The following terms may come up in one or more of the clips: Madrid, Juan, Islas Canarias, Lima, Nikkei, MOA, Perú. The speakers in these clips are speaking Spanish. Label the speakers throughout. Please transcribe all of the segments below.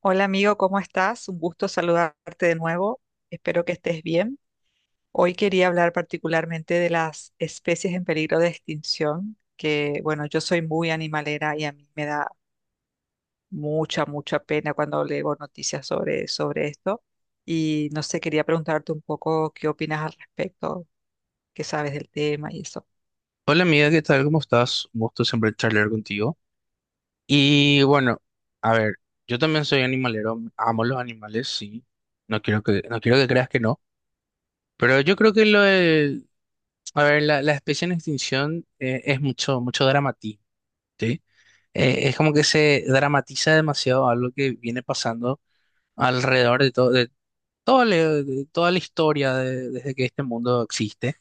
Speaker 1: Hola amigo, ¿cómo estás? Un gusto saludarte de nuevo. Espero que estés bien. Hoy quería hablar particularmente de las especies en peligro de extinción, que bueno, yo soy muy animalera y a mí me da mucha, mucha pena cuando leo noticias sobre esto. Y no sé, quería preguntarte un poco qué opinas al respecto, qué sabes del tema y eso.
Speaker 2: Hola amiga, ¿qué tal? ¿Cómo estás? Un gusto siempre charlar contigo. Y bueno, a ver, yo también soy animalero, amo los animales, sí. No quiero que creas que no. Pero yo creo que lo de, a ver, la especie en extinción es mucho, mucho dramatismo, ¿sí? Es como que se dramatiza demasiado algo que viene pasando alrededor de todo, de todo, de toda la historia desde que este mundo existe.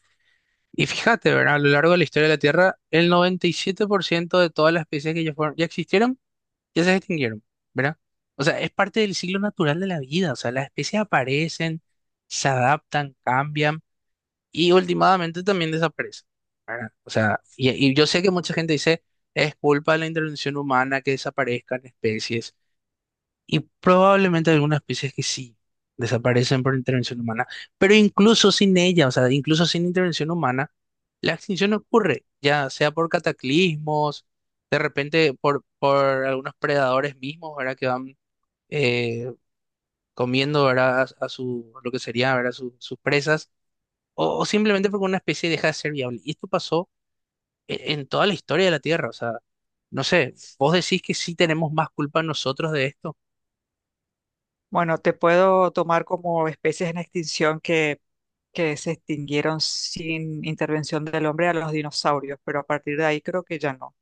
Speaker 2: Y fíjate, ¿verdad? A lo largo de la historia de la Tierra, el 97% de todas las especies que ya fueron, ya existieron, ya se extinguieron, ¿verdad? O sea, es parte del ciclo natural de la vida. O sea, las especies aparecen, se adaptan, cambian y últimamente también desaparecen. O sea, y yo sé que mucha gente dice, es culpa de la intervención humana que desaparezcan especies. Y probablemente algunas especies que sí desaparecen por intervención humana, pero incluso sin ella, o sea, incluso sin intervención humana, la extinción ocurre, ya sea por cataclismos, de repente por algunos predadores mismos, ¿verdad? Que van eh, comiendo, ¿verdad? Lo que sería, ¿verdad? Sus presas, o simplemente porque una especie deja de ser viable. Y esto pasó en toda la historia de la Tierra, o sea, no sé, vos decís que sí tenemos más culpa nosotros de esto,
Speaker 1: Bueno, te puedo tomar como especies en extinción que se extinguieron sin intervención del hombre a los dinosaurios, pero a partir de ahí creo que ya no.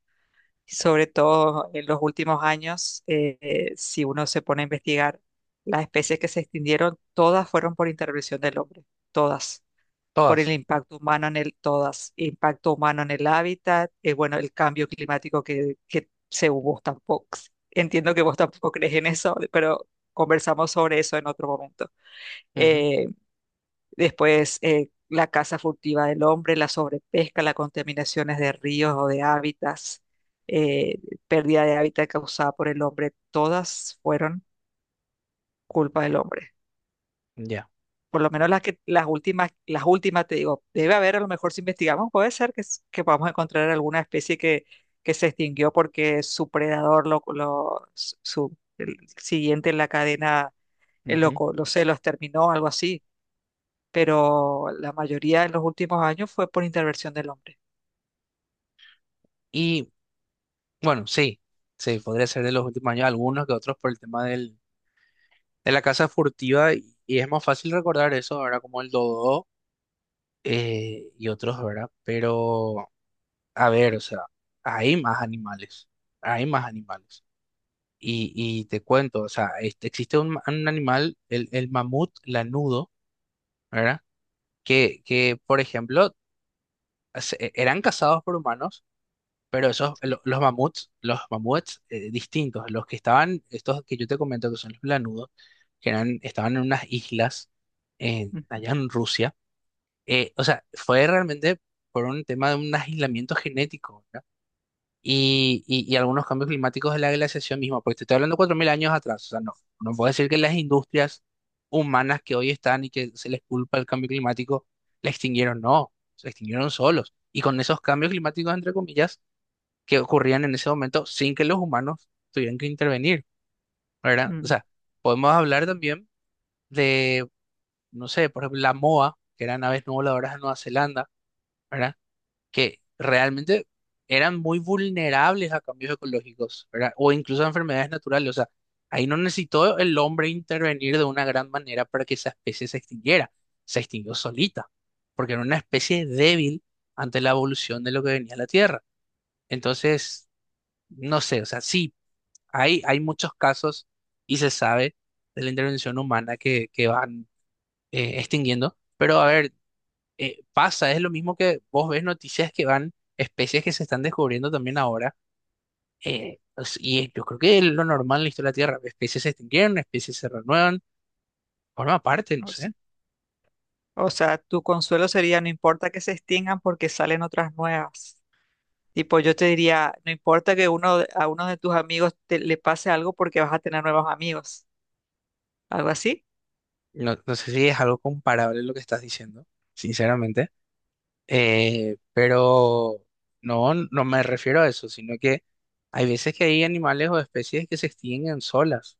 Speaker 1: Sobre todo en los últimos años, si uno se pone a investigar, las especies que se extinguieron, todas fueron por intervención del hombre, todas por el
Speaker 2: todas.
Speaker 1: impacto humano en el, todas, impacto humano en el hábitat, bueno, el cambio climático que según vos tampoco, entiendo que vos tampoco crees en eso, pero conversamos sobre eso en otro momento.
Speaker 2: Ujú.
Speaker 1: Eh, después, la caza furtiva del hombre, la sobrepesca, las contaminaciones de ríos o de hábitats, eh, pérdida de hábitat causada por el hombre, todas fueron culpa del hombre.
Speaker 2: Ya.
Speaker 1: Por lo menos las que las últimas, te digo, debe haber, a lo mejor si investigamos, puede ser que, que podamos encontrar alguna especie que se extinguió porque su predador, el siguiente en la cadena,
Speaker 2: Ujú.
Speaker 1: lo sé, los terminó, algo así. Pero la mayoría en los últimos años fue por intervención del hombre.
Speaker 2: Y bueno, sí, sí, podría ser de los últimos años, algunos que otros por el tema del, de la casa furtiva, y es más fácil recordar eso, ahora como el dodo y otros, ¿verdad? Pero, a ver, o sea, hay más animales, hay más animales. Y te cuento, o sea, este, existe un, un animal, el mamut lanudo, ¿verdad? Por ejemplo, eran cazados por humanos. Pero esos,
Speaker 1: Sí.
Speaker 2: los mamuts distintos, los que estaban, estos que yo te comento que son los planudos, que eran, estaban en unas islas
Speaker 1: Ujú.
Speaker 2: allá en Rusia, o sea, fue realmente por un tema de un aislamiento genético, ¿verdad? Y algunos cambios climáticos de la glaciación misma, porque te estoy hablando 4.000 años atrás, o sea, no, no puedo decir que las industrias humanas que hoy están y que se les culpa el cambio climático, la extinguieron, no, se extinguieron solos. Y con esos cambios climáticos, entre comillas, que ocurrían en ese momento sin que los humanos tuvieran que intervenir, ¿verdad? O
Speaker 1: Mm.
Speaker 2: sea, podemos hablar también de, no sé, por ejemplo, la MOA, que eran aves no voladoras de Nueva Zelanda, ¿verdad? Que realmente eran muy vulnerables a cambios ecológicos, ¿verdad? O incluso a enfermedades naturales. O sea, ahí no necesitó el hombre intervenir de una gran manera para que esa especie se extinguiera. Se extinguió solita, porque era una especie débil ante la evolución de lo que venía a la Tierra. Entonces, no sé, o sea, sí. Hay muchos casos y se sabe de la intervención humana que van extinguiendo, pero a ver, pasa, es lo mismo que vos ves noticias que van, especies que se están descubriendo también ahora, yo creo que es lo normal en la historia de la Tierra, especies se extinguieron, especies se renuevan, forma parte, no
Speaker 1: O s-
Speaker 2: sé,
Speaker 1: o sea, tu consuelo sería, no importa que se extingan porque salen otras nuevas. Tipo, yo te diría, no importa que uno, a uno de tus amigos le pase algo porque vas a tener nuevos amigos, algo así.
Speaker 2: no, no sé si es algo comparable lo que estás diciendo, sinceramente, pero no, no me refiero a eso, sino que... Hay veces que hay animales o especies que se extinguen solas.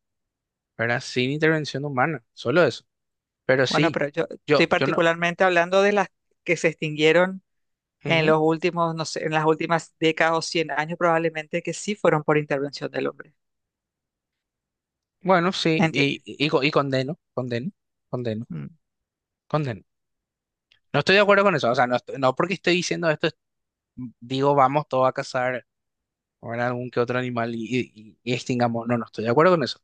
Speaker 2: ¿Verdad? Sin intervención humana, solo eso. Pero
Speaker 1: Bueno,
Speaker 2: sí,
Speaker 1: pero yo estoy
Speaker 2: yo no.
Speaker 1: particularmente hablando de las que se extinguieron en
Speaker 2: Ujú.
Speaker 1: los últimos, no sé, en las últimas décadas o 100 años probablemente que sí fueron por intervención del hombre.
Speaker 2: Bueno, sí,
Speaker 1: ¿Entiendes?
Speaker 2: y condeno, condeno, condeno,
Speaker 1: Mm.
Speaker 2: condeno. No estoy de acuerdo con eso, o sea, no, no porque estoy diciendo esto, digo, vamos todos a cazar, ¿verdad?, algún que otro animal y y extingamos. No, no estoy de acuerdo con eso.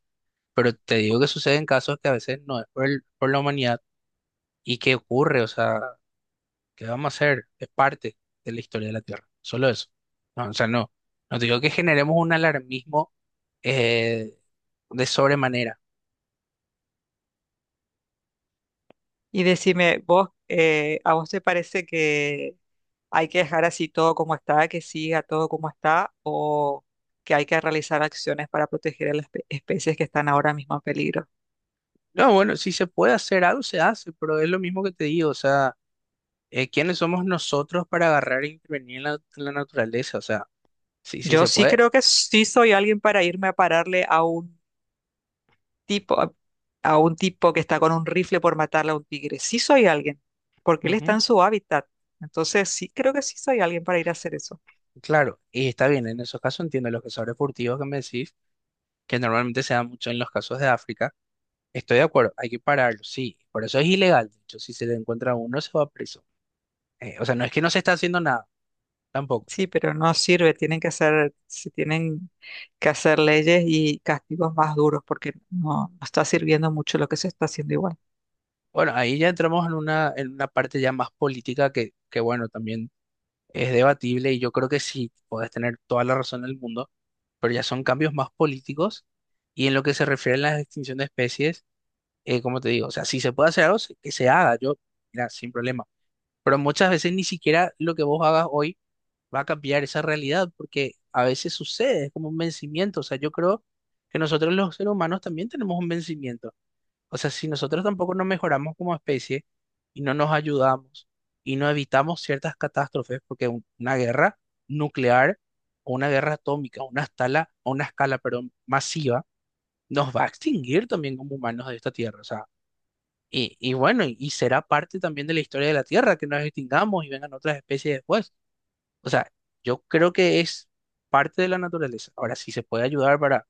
Speaker 2: Pero te digo que suceden casos que a veces no es por, por la humanidad y que ocurre, o sea, ¿qué vamos a hacer? Es parte de la historia de la Tierra, solo eso. No, o sea, no, no te digo que generemos un alarmismo. eh, de sobremanera.
Speaker 1: Y decime, vos, ¿a vos te parece que hay que dejar así todo como está, que siga todo como está, o que hay que realizar acciones para proteger a las especies que están ahora mismo en peligro?
Speaker 2: No, bueno, si se puede hacer algo, se hace, pero es lo mismo que te digo, o sea, ¿quiénes somos nosotros para agarrar e intervenir en en la naturaleza? O sea, sí, sí
Speaker 1: Yo
Speaker 2: se
Speaker 1: sí
Speaker 2: puede.
Speaker 1: creo que sí soy alguien para irme a pararle tipo, a, a un tipo que está con un rifle por matarle a un tigre. Sí soy alguien, porque él está
Speaker 2: Ujú.
Speaker 1: en su hábitat. Entonces sí creo que sí soy alguien para ir a hacer eso.
Speaker 2: Claro, y está bien, en esos casos entiendo los cazadores furtivos que me decís, que normalmente se da mucho en los casos de África. Estoy de acuerdo, hay que pararlo, sí, por eso es ilegal, de hecho, si se le encuentra a uno se va preso. O sea, no es que no se está haciendo nada, tampoco.
Speaker 1: Sí, pero no sirve, tienen que hacer, se tienen que hacer leyes y castigos más duros, porque no, no está sirviendo mucho lo que se está haciendo igual.
Speaker 2: Bueno, ahí ya entramos en una parte ya más política que bueno, también es debatible y yo creo que sí, podés tener toda la razón del mundo, pero ya son cambios más políticos y en lo que se refiere a la extinción de especies, como te digo, o sea, si se puede hacer algo, que se haga, yo, mira, sin problema, pero muchas veces ni siquiera lo que vos hagas hoy va a cambiar esa realidad porque a veces sucede, es como un vencimiento, o sea, yo creo que nosotros los seres humanos también tenemos un vencimiento. O sea, si nosotros tampoco nos mejoramos como especie y no nos ayudamos y no evitamos ciertas catástrofes, porque una guerra nuclear o una guerra atómica, una escala, perdón, masiva, nos va a extinguir también como humanos de esta tierra. O sea, y bueno, y será parte también de la historia de la tierra que nos extingamos y vengan otras especies después. O sea, yo creo que es parte de la naturaleza. Ahora, si se puede ayudar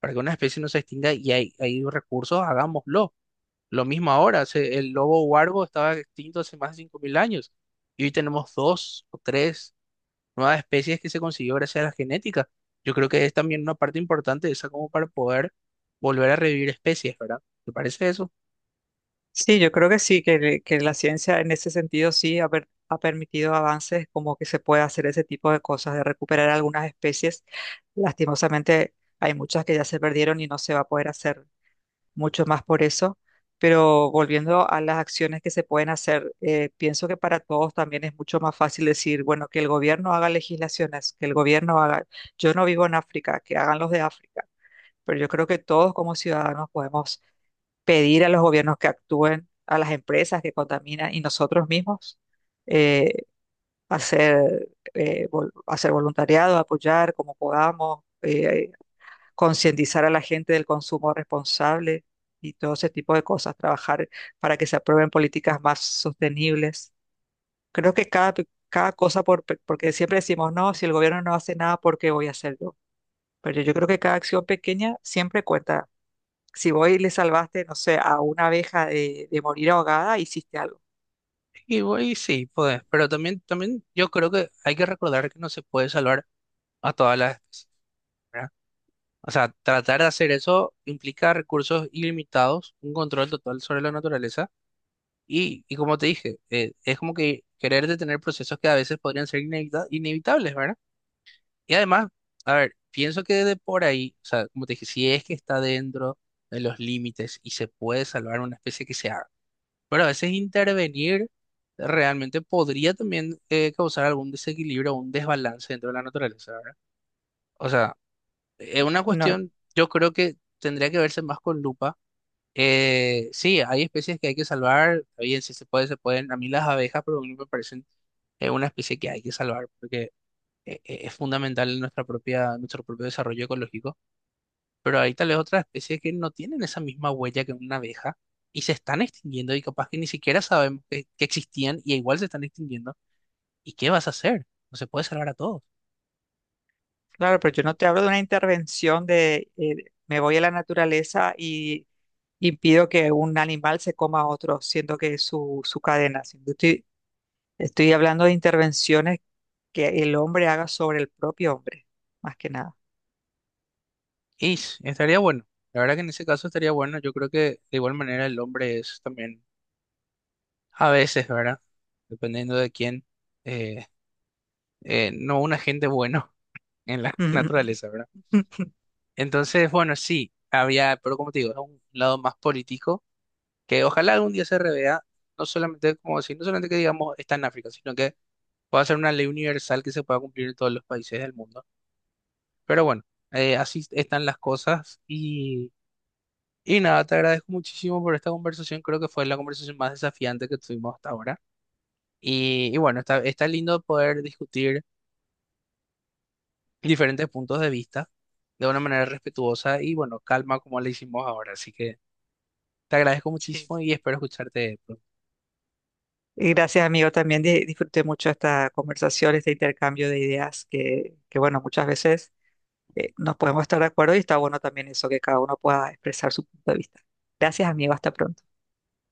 Speaker 2: para que una especie no se extinga y hay recursos, hagámoslo. Lo mismo ahora, el lobo huargo estaba extinto hace más de 5.000 años y hoy tenemos dos o tres nuevas especies que se consiguió gracias a la genética. Yo creo que es también una parte importante de esa como para poder volver a revivir especies, ¿verdad? ¿Te parece eso?
Speaker 1: Sí, yo creo que sí, que la ciencia en ese sentido sí ha, ha permitido avances como que se puede hacer ese tipo de cosas, de recuperar algunas especies. Lastimosamente hay muchas que ya se perdieron y no se va a poder hacer mucho más por eso. Pero volviendo a las acciones que se pueden hacer, pienso que para todos también es mucho más fácil decir, bueno, que el gobierno haga legislaciones, que el gobierno haga, yo no vivo en África, que hagan los de África. Pero yo creo que todos como ciudadanos podemos pedir a los gobiernos que actúen, a las empresas que contaminan y nosotros mismos eh, hacer, hacer voluntariado, apoyar como podamos, concientizar a la gente del consumo responsable y todo ese tipo de cosas, trabajar para que se aprueben políticas más sostenibles. Creo que cada cosa, porque siempre decimos, no, si el gobierno no hace nada, ¿por qué voy a hacer yo? Pero yo creo que cada acción pequeña siempre cuenta si voy y le salvaste, no sé, a una abeja de morir ahogada, hiciste algo.
Speaker 2: Y, voy sí, pues, pero también, también yo creo que hay que recordar que no se puede salvar a todas las especies, ¿verdad? O sea, tratar de hacer eso implica recursos ilimitados, un control total sobre la naturaleza. Y como te dije, es como que querer detener procesos que a veces podrían ser inevitables, ¿verdad? Y además, a ver, pienso que de por ahí, o sea, como te dije, si es que está dentro de los límites y se puede salvar una especie que se haga, pero a veces intervenir realmente podría también causar algún desequilibrio o un desbalance dentro de la naturaleza, ¿verdad? O sea, es una
Speaker 1: No,
Speaker 2: cuestión, yo creo que tendría que verse más con lupa. Sí, hay especies que hay que salvar. Está bien, si se puede, se pueden. A mí las abejas, por ejemplo, me parecen una especie que hay que salvar porque es fundamental en nuestra propia, nuestro propio desarrollo ecológico. Pero hay tal vez otras especies que no tienen esa misma huella que una abeja y se están extinguiendo y capaz que ni siquiera sabemos que existían y igual se están extinguiendo. ¿Y qué vas a hacer? No se puede salvar a todos.
Speaker 1: claro, pero yo no te hablo de una intervención de me voy a la naturaleza y impido que un animal se coma a otro, siendo que es su, su cadena. Sino que estoy hablando de intervenciones que el hombre haga sobre el propio hombre, más que nada.
Speaker 2: Y estaría bueno. La verdad que en ese caso estaría bueno. Yo creo que de igual manera el hombre es también a veces, ¿verdad? Dependiendo de quién, eh, no un agente bueno en la naturaleza, ¿verdad? Entonces, bueno, sí, había, pero como te digo, es un lado más político que ojalá algún día se revea, no solamente, como decir, no solamente que digamos está en África, sino que pueda ser una ley universal que se pueda cumplir en todos los países del mundo. Pero bueno, así están las cosas y nada, te agradezco muchísimo por esta conversación, creo que fue la conversación más desafiante que tuvimos hasta ahora. Y bueno, está, está lindo poder discutir diferentes puntos de vista de una manera respetuosa y bueno, calma como le hicimos ahora. Así que te agradezco
Speaker 1: Sí.
Speaker 2: muchísimo y espero escucharte pronto.
Speaker 1: Y gracias, amigo. También disfruté mucho esta conversación, este intercambio de ideas que bueno, muchas veces nos podemos estar de acuerdo y está bueno también eso, que cada uno pueda expresar su punto de vista. Gracias, amigo. Hasta pronto.